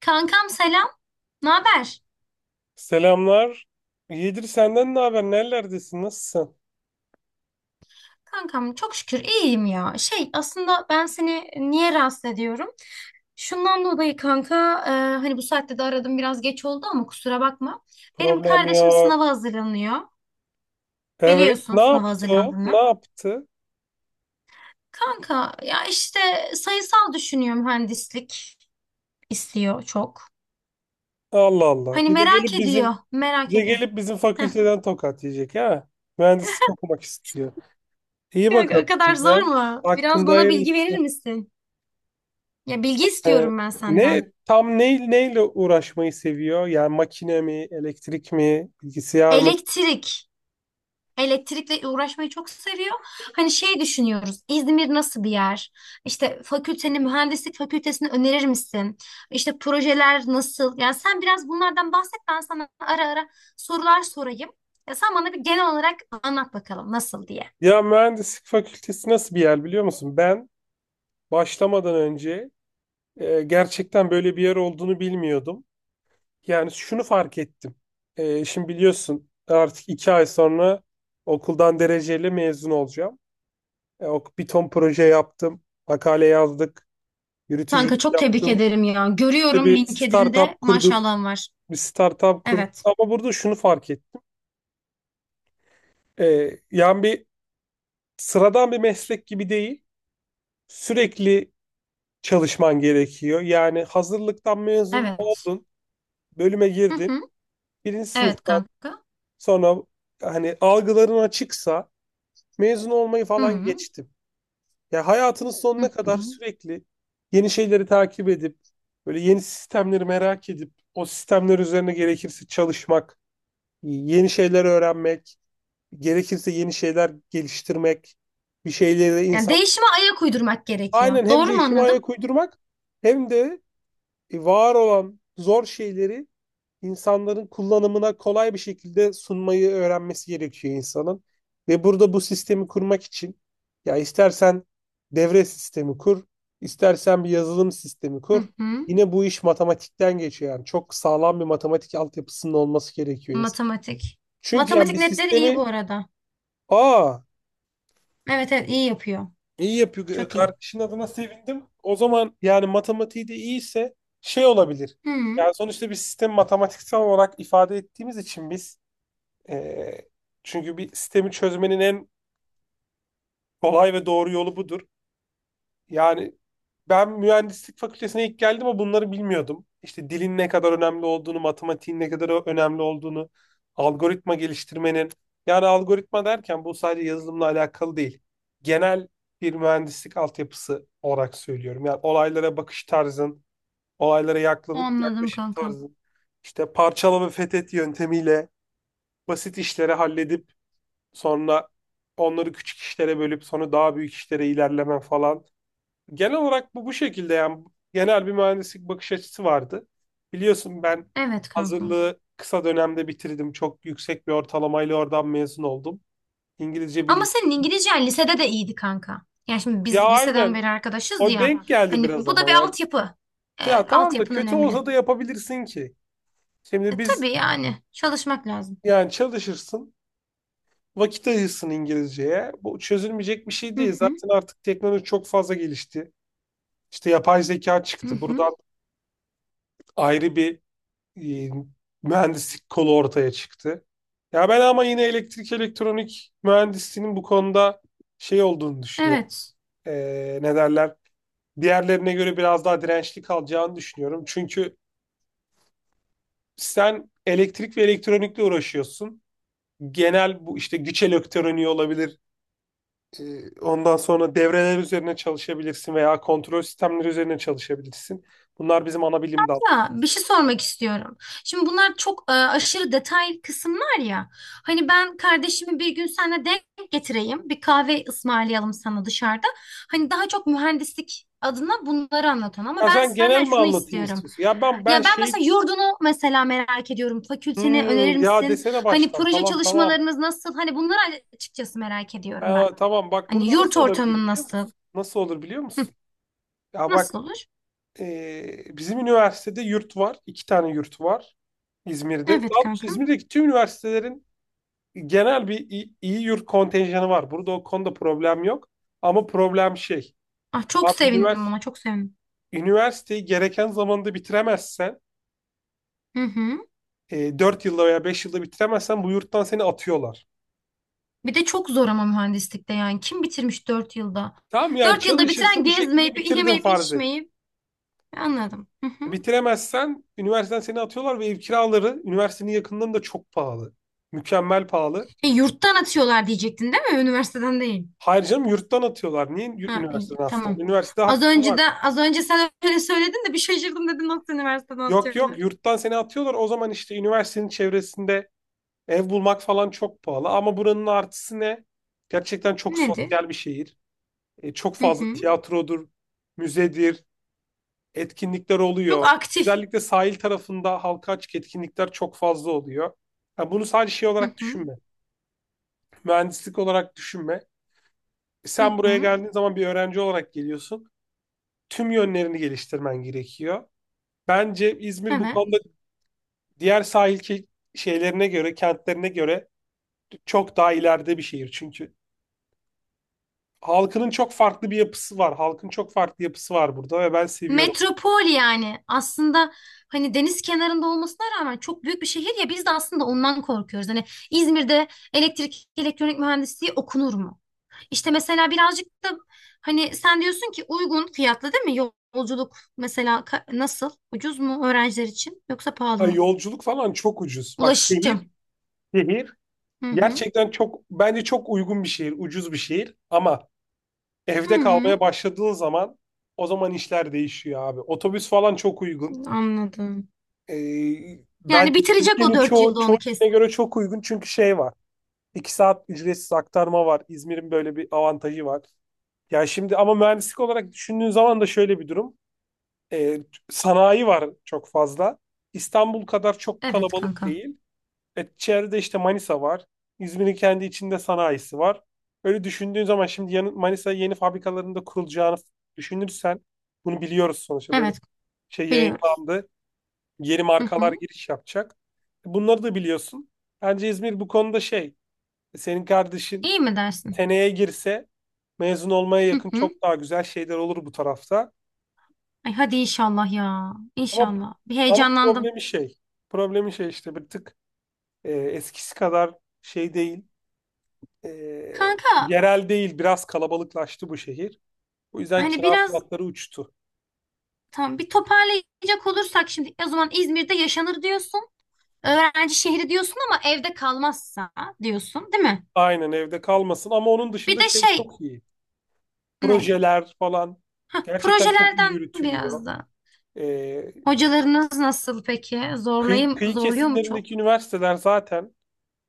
Kankam selam. Ne haber? Selamlar. Yedir senden ne haber? Nerelerdesin? Nasılsın? Kankam çok şükür iyiyim ya. Şey aslında ben seni niye rahatsız ediyorum? Şundan dolayı kanka e, hani bu saatte de aradım biraz geç oldu ama kusura bakma. Benim Problem kardeşim yok. sınava hazırlanıyor. Evet. Biliyorsun Ne sınava yaptı o? Ne hazırlandığını. yaptı? Kanka ya işte sayısal düşünüyor mühendislik istiyor çok. Allah Allah. Hani Bir de merak gelip ediyor, bizim merak bir de ediyor. gelip bizim Heh. fakülteden tokat yiyecek ha. Mühendislik okumak istiyor. İyi Kanka bakalım. o kadar zor Güzel. mu? Biraz Hakkında bana bilgi hayırlısı. verir misin? Ya bilgi Ee, istiyorum ben senden. Ne tam ne neyle uğraşmayı seviyor? Yani makine mi, elektrik mi, bilgisayar mı? Elektrik. Elektrikle uğraşmayı çok seviyor. Hani şey düşünüyoruz. İzmir nasıl bir yer? İşte fakülteni, mühendislik fakültesini önerir misin? İşte projeler nasıl? Yani sen biraz bunlardan bahset. Ben sana ara ara sorular sorayım. Ya sen bana bir genel olarak anlat bakalım nasıl diye. Ya mühendislik fakültesi nasıl bir yer biliyor musun? Ben başlamadan önce, gerçekten böyle bir yer olduğunu bilmiyordum. Yani şunu fark ettim. Şimdi biliyorsun, artık iki ay sonra okuldan dereceyle mezun olacağım. Bir ton proje yaptım, makale yazdık, Kanka yürütücülük çok tebrik yaptım. ederim ya. İşte Görüyorum bir LinkedIn'de startup kurduk, maşallahın var. bir startup kurduk. Evet. Ama burada şunu fark ettim. Yani sıradan bir meslek gibi değil, sürekli çalışman gerekiyor. Yani hazırlıktan mezun Evet. oldun, bölüme Hı girdin, hı. birinci Evet sınıftan kanka. sonra, hani algıların açıksa, mezun olmayı Hı falan hı. geçtim. Ya hayatının Hı sonuna hı. kadar sürekli yeni şeyleri takip edip, böyle yeni sistemleri merak edip o sistemler üzerine gerekirse çalışmak, yeni şeyler öğrenmek, gerekirse yeni şeyler geliştirmek, bir şeyleri Yani insan. değişime ayak uydurmak gerekiyor. Aynen, hem Doğru mu değişime anladım? ayak uydurmak hem de var olan zor şeyleri insanların kullanımına kolay bir şekilde sunmayı öğrenmesi gerekiyor insanın. Ve burada bu sistemi kurmak için ya istersen devre sistemi kur, istersen bir yazılım sistemi kur. Hı hı. Yine bu iş matematikten geçiyor yani. Çok sağlam bir matematik altyapısının olması gerekiyor insan. Matematik. Çünkü yani Matematik bir netleri iyi sistemi. bu arada. Aa, Evet, evet, iyi yapıyor. iyi yapıyor. Çok iyi. Kardeşin adına sevindim. O zaman yani matematiği de iyiyse şey olabilir. Hı. Yani sonuçta bir sistemi matematiksel olarak ifade ettiğimiz için biz. Ee, Çünkü bir sistemi çözmenin en kolay ve doğru yolu budur. Yani ben mühendislik fakültesine ilk geldim ama bunları bilmiyordum. İşte dilin ne kadar önemli olduğunu, matematiğin ne kadar önemli olduğunu, algoritma geliştirmenin. Yani algoritma derken bu sadece yazılımla alakalı değil. Genel bir mühendislik altyapısı olarak söylüyorum. Yani olaylara bakış tarzın, olaylara Anladım yaklaşım kanka. tarzın, işte parçala ve fethet yöntemiyle basit işleri halledip sonra onları küçük işlere bölüp sonra daha büyük işlere ilerlemen falan. Genel olarak bu şekilde yani, genel bir mühendislik bakış açısı vardı. Biliyorsun ben Evet kanka. hazırlığı kısa dönemde bitirdim. Çok yüksek bir ortalamayla oradan mezun oldum. İngilizce Ama bilgi. senin İngilizcen lisede de iyiydi kanka. Yani şimdi Ya biz liseden aynen, beri arkadaşız o ya. denk geldi Hani biraz bu da ama bir yani. altyapı. Evet, Ya tamam da, altyapın kötü önemli. olsa da yapabilirsin ki. Şimdi E, biz, tabii yani çalışmak lazım. yani çalışırsın, vakit ayırsın İngilizceye. Bu çözülmeyecek bir şey Hı değil. hı. Zaten artık teknoloji çok fazla gelişti. İşte yapay zeka Hı çıktı. hı. Buradan ayrı bir e, mühendislik kolu ortaya çıktı. Ya ben ama yine elektrik elektronik mühendisliğinin bu konuda şey olduğunu düşünüyorum. Evet. E, Ne derler? Diğerlerine göre biraz daha dirençli kalacağını düşünüyorum. Çünkü sen elektrik ve elektronikle uğraşıyorsun. Genel bu, işte güç elektroniği olabilir. Ondan sonra devreler üzerine çalışabilirsin veya kontrol sistemleri üzerine çalışabilirsin. Bunlar bizim ana bilim dal. Ya bir şey sormak istiyorum. Şimdi bunlar çok aşırı detay kısımlar ya. Hani ben kardeşimi bir gün seninle denk getireyim. Bir kahve ısmarlayalım sana dışarıda. Hani daha çok mühendislik adına bunları anlat ona. Ama Ya ben sen genel senden mi şunu anlatayım istiyorum. istiyorsun? Ya ben Ya ben şey. mesela yurdunu mesela merak ediyorum. Fakülteni önerir Ya misin? desene Hani baştan. proje Tamam, tamam. çalışmalarınız nasıl? Hani bunları açıkçası merak ediyorum ben. Ha, tamam, bak, Hani burada yurt nasıl olabilir ortamın biliyor nasıl? musun? Nasıl olur biliyor Hı, musun? Ya bak, nasıl olur? Bizim üniversitede yurt var. İki tane yurt var İzmir'de. Daha Evet doğrusu kanka. İzmir'deki tüm üniversitelerin genel bir iyi yurt kontenjanı var. Burada o konuda problem yok. Ama problem şey. Ah, çok Abi, sevindim, ona çok sevindim. üniversiteyi gereken zamanda bitiremezsen, Hı hı. 4 yılda veya 5 yılda bitiremezsen bu yurttan seni atıyorlar. Bir de çok zor ama mühendislikte yani. Kim bitirmiş 4 yılda? Tamam, yani Dört yılda bitiren çalışırsın, bir şekilde gezmeyip, bitirdin yemeyip, farz et. içmeyip. Anladım. Hı hı. Bitiremezsen üniversiteden seni atıyorlar ve ev kiraları üniversitenin yakınlarında çok pahalı. Mükemmel pahalı. E, yurttan atıyorlar diyecektin değil mi? Üniversiteden değil. Hayır canım, yurttan atıyorlar. Niye Ha, iyi, üniversiteden aslında? tamam. Üniversitede Az hakkın önce de var. az önce sen öyle söyledin de bir şaşırdım, dedim nasıl üniversiteden Yok, yok, atıyorlar? yurttan seni atıyorlar. O zaman işte üniversitenin çevresinde ev bulmak falan çok pahalı. Ama buranın artısı ne? Gerçekten çok Nedir? sosyal bir şehir. Çok Hı fazla hı. tiyatrodur, müzedir, etkinlikler Çok oluyor. aktif. Özellikle sahil tarafında halka açık etkinlikler çok fazla oluyor. Ha, bunu sadece şey Hı olarak hı. düşünme. Mühendislik olarak düşünme. Hı Sen buraya hı. geldiğin zaman bir öğrenci olarak geliyorsun. Tüm yönlerini geliştirmen gerekiyor. Bence İzmir bu Evet. konuda diğer sahil kentlerine göre çok daha ileride bir şehir çünkü. Halkının çok farklı bir yapısı var. Halkın çok farklı yapısı var burada ve ben seviyorum. Metropol yani aslında, hani deniz kenarında olmasına rağmen çok büyük bir şehir ya, biz de aslında ondan korkuyoruz. Hani İzmir'de elektrik elektronik mühendisliği okunur mu? İşte mesela birazcık da hani sen diyorsun ki uygun fiyatlı değil mi? Yolculuk mesela nasıl? Ucuz mu öğrenciler için yoksa pahalı Ay, mı? yolculuk falan çok ucuz. Bak, şehir, Ulaşım. şehir Hı hı. gerçekten bence çok uygun bir şehir, ucuz bir şehir, ama Hı evde hı. kalmaya başladığın zaman o zaman işler değişiyor abi. Otobüs falan çok uygun. Anladım. Ee, Yani Bence bitirecek o Türkiye'nin dört çoğu, yılda, çoğu onu kesin. yerine göre çok uygun, çünkü şey var. İki saat ücretsiz aktarma var. İzmir'in böyle bir avantajı var. Ya şimdi ama mühendislik olarak düşündüğün zaman da şöyle bir durum. Ee, Sanayi var çok fazla. İstanbul kadar çok Evet kalabalık kanka. değil. Çevrede işte Manisa var. İzmir'in kendi içinde sanayisi var. Öyle düşündüğün zaman, şimdi yanı, Manisa yeni fabrikalarında kurulacağını düşünürsen, bunu biliyoruz sonuçta, böyle Evet, şey biliyoruz. yayınlandı. Yeni Hı markalar hı. giriş yapacak. Bunları da biliyorsun. Bence İzmir bu konuda şey, senin kardeşin İyi mi dersin? seneye girse mezun olmaya Hı yakın hı. çok daha güzel şeyler olur bu tarafta. Ay, hadi inşallah ya. Ama İnşallah. Bir ama heyecanlandım. problemi şey işte bir tık eskisi kadar şey değil, e, Kanka, yerel değil, biraz kalabalıklaştı bu şehir. O yüzden hani kira biraz, fiyatları uçtu. tamam, bir toparlayacak olursak şimdi, o zaman İzmir'de yaşanır diyorsun. Öğrenci şehri diyorsun ama evde kalmazsa diyorsun değil mi? Aynen, evde kalmasın, ama onun Bir dışında de şey şey çok iyi. ne? Projeler falan Hah, gerçekten çok iyi projelerden yürütülüyor. biraz da. E, Hocalarınız nasıl peki? Kıyı, kıyı Zorluyor mu kesimlerindeki çok? üniversiteler zaten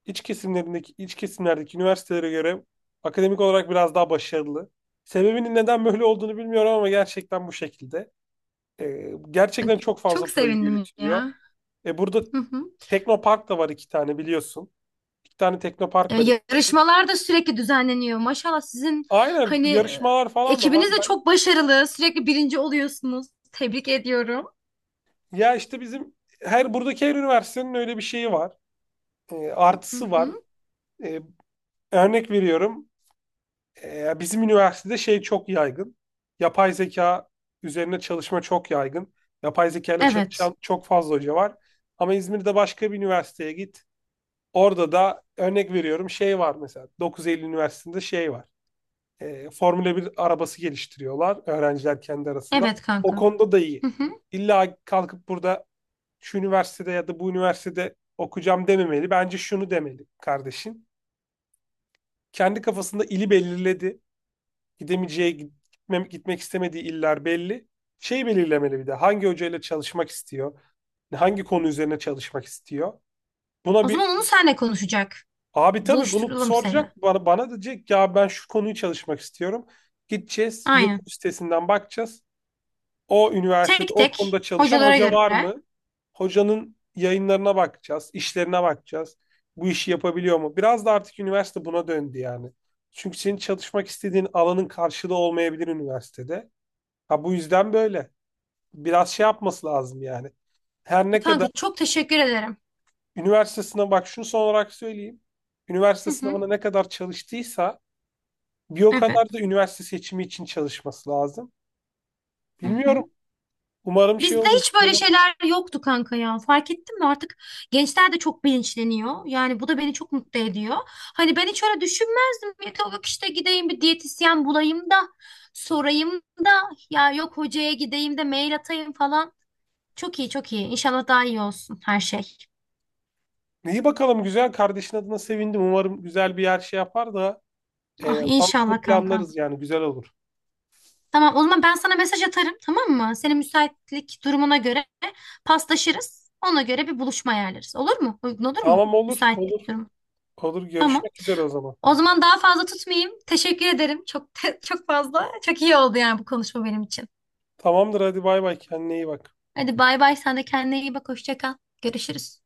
iç kesimlerdeki üniversitelere göre akademik olarak biraz daha başarılı. Sebebinin neden böyle olduğunu bilmiyorum ama gerçekten bu şekilde. Ay, Gerçekten çok çok fazla proje sevindim yürütülüyor. ya. Burada Hı hı. Teknopark da var, iki tane biliyorsun. İki tane E, Teknopark var. yarışmalar da sürekli düzenleniyor. Maşallah sizin Aynen, hani yarışmalar falan da ekibiniz var. de Ben, çok başarılı. Sürekli birinci oluyorsunuz. Tebrik ediyorum. ya işte bizim buradaki her üniversitenin öyle bir şeyi var. Hı Artısı var. hı. E, Örnek veriyorum. Bizim üniversitede şey çok yaygın. Yapay zeka üzerine çalışma çok yaygın. Yapay zeka ile Evet. çalışan çok fazla hoca var. Ama İzmir'de başka bir üniversiteye git. Orada da örnek veriyorum, şey var mesela. 9 Eylül Üniversitesi'nde şey var. Formula 1 arabası geliştiriyorlar öğrenciler kendi arasında. Evet O kanka. konuda da iyi. Hı hı. İlla kalkıp burada şu üniversitede ya da bu üniversitede okuyacağım dememeli. Bence şunu demeli kardeşim. Kendi kafasında ili belirledi, gidemeyeceği, gitmek istemediği iller belli. Şey belirlemeli, bir de hangi hocayla çalışmak istiyor, hangi konu üzerine çalışmak istiyor. O Buna bir. zaman onu senle konuşacak. Abi, tabii bunu Buluşturalım seni. soracak bana, bana diyecek "Ya ben şu konuyu çalışmak istiyorum. Gideceğiz Aynen. YouTube sitesinden bakacağız. O üniversitede Tek o tek konuda çalışan hocalara hoca var göre. mı? Hocanın yayınlarına bakacağız, işlerine bakacağız. Bu işi yapabiliyor mu? Biraz da artık üniversite buna döndü yani. Çünkü senin çalışmak istediğin alanın karşılığı olmayabilir üniversitede. Ha, bu yüzden böyle. Biraz şey yapması lazım yani. Her ne Kanka kadar çok teşekkür ederim. üniversite sınavı, bak şunu son olarak söyleyeyim. Üniversite Hı hı. sınavına ne kadar çalıştıysa bir o kadar da Evet. üniversite seçimi için çalışması lazım. Hı hı. Bilmiyorum. Umarım şey Bizde olur. hiç Güzel böyle olur. şeyler yoktu kanka ya. Fark ettin mi? Artık gençler de çok bilinçleniyor. Yani bu da beni çok mutlu ediyor. Hani ben hiç öyle düşünmezdim. Yok işte gideyim bir diyetisyen bulayım da sorayım da, ya yok hocaya gideyim de mail atayım falan. Çok iyi, çok iyi. İnşallah daha iyi olsun her şey. İyi bakalım, güzel. Kardeşin adına sevindim. Umarım güzel bir yer şey yapar da Ah sonrasını inşallah kanka. planlarız yani, güzel olur. Tamam o zaman ben sana mesaj atarım, tamam mı? Senin müsaitlik durumuna göre paslaşırız. Ona göre bir buluşma ayarlarız. Olur mu? Uygun olur mu? Tamam, olur, olur, Müsaitlik durumu. olur. Tamam. Görüşmek üzere o zaman. O zaman daha fazla tutmayayım. Teşekkür ederim. Çok çok fazla. Çok iyi oldu yani bu konuşma benim için. Tamamdır, hadi bay bay, kendine iyi bak. Hadi bay bay. Sen de kendine iyi bak. Hoşça kal. Görüşürüz.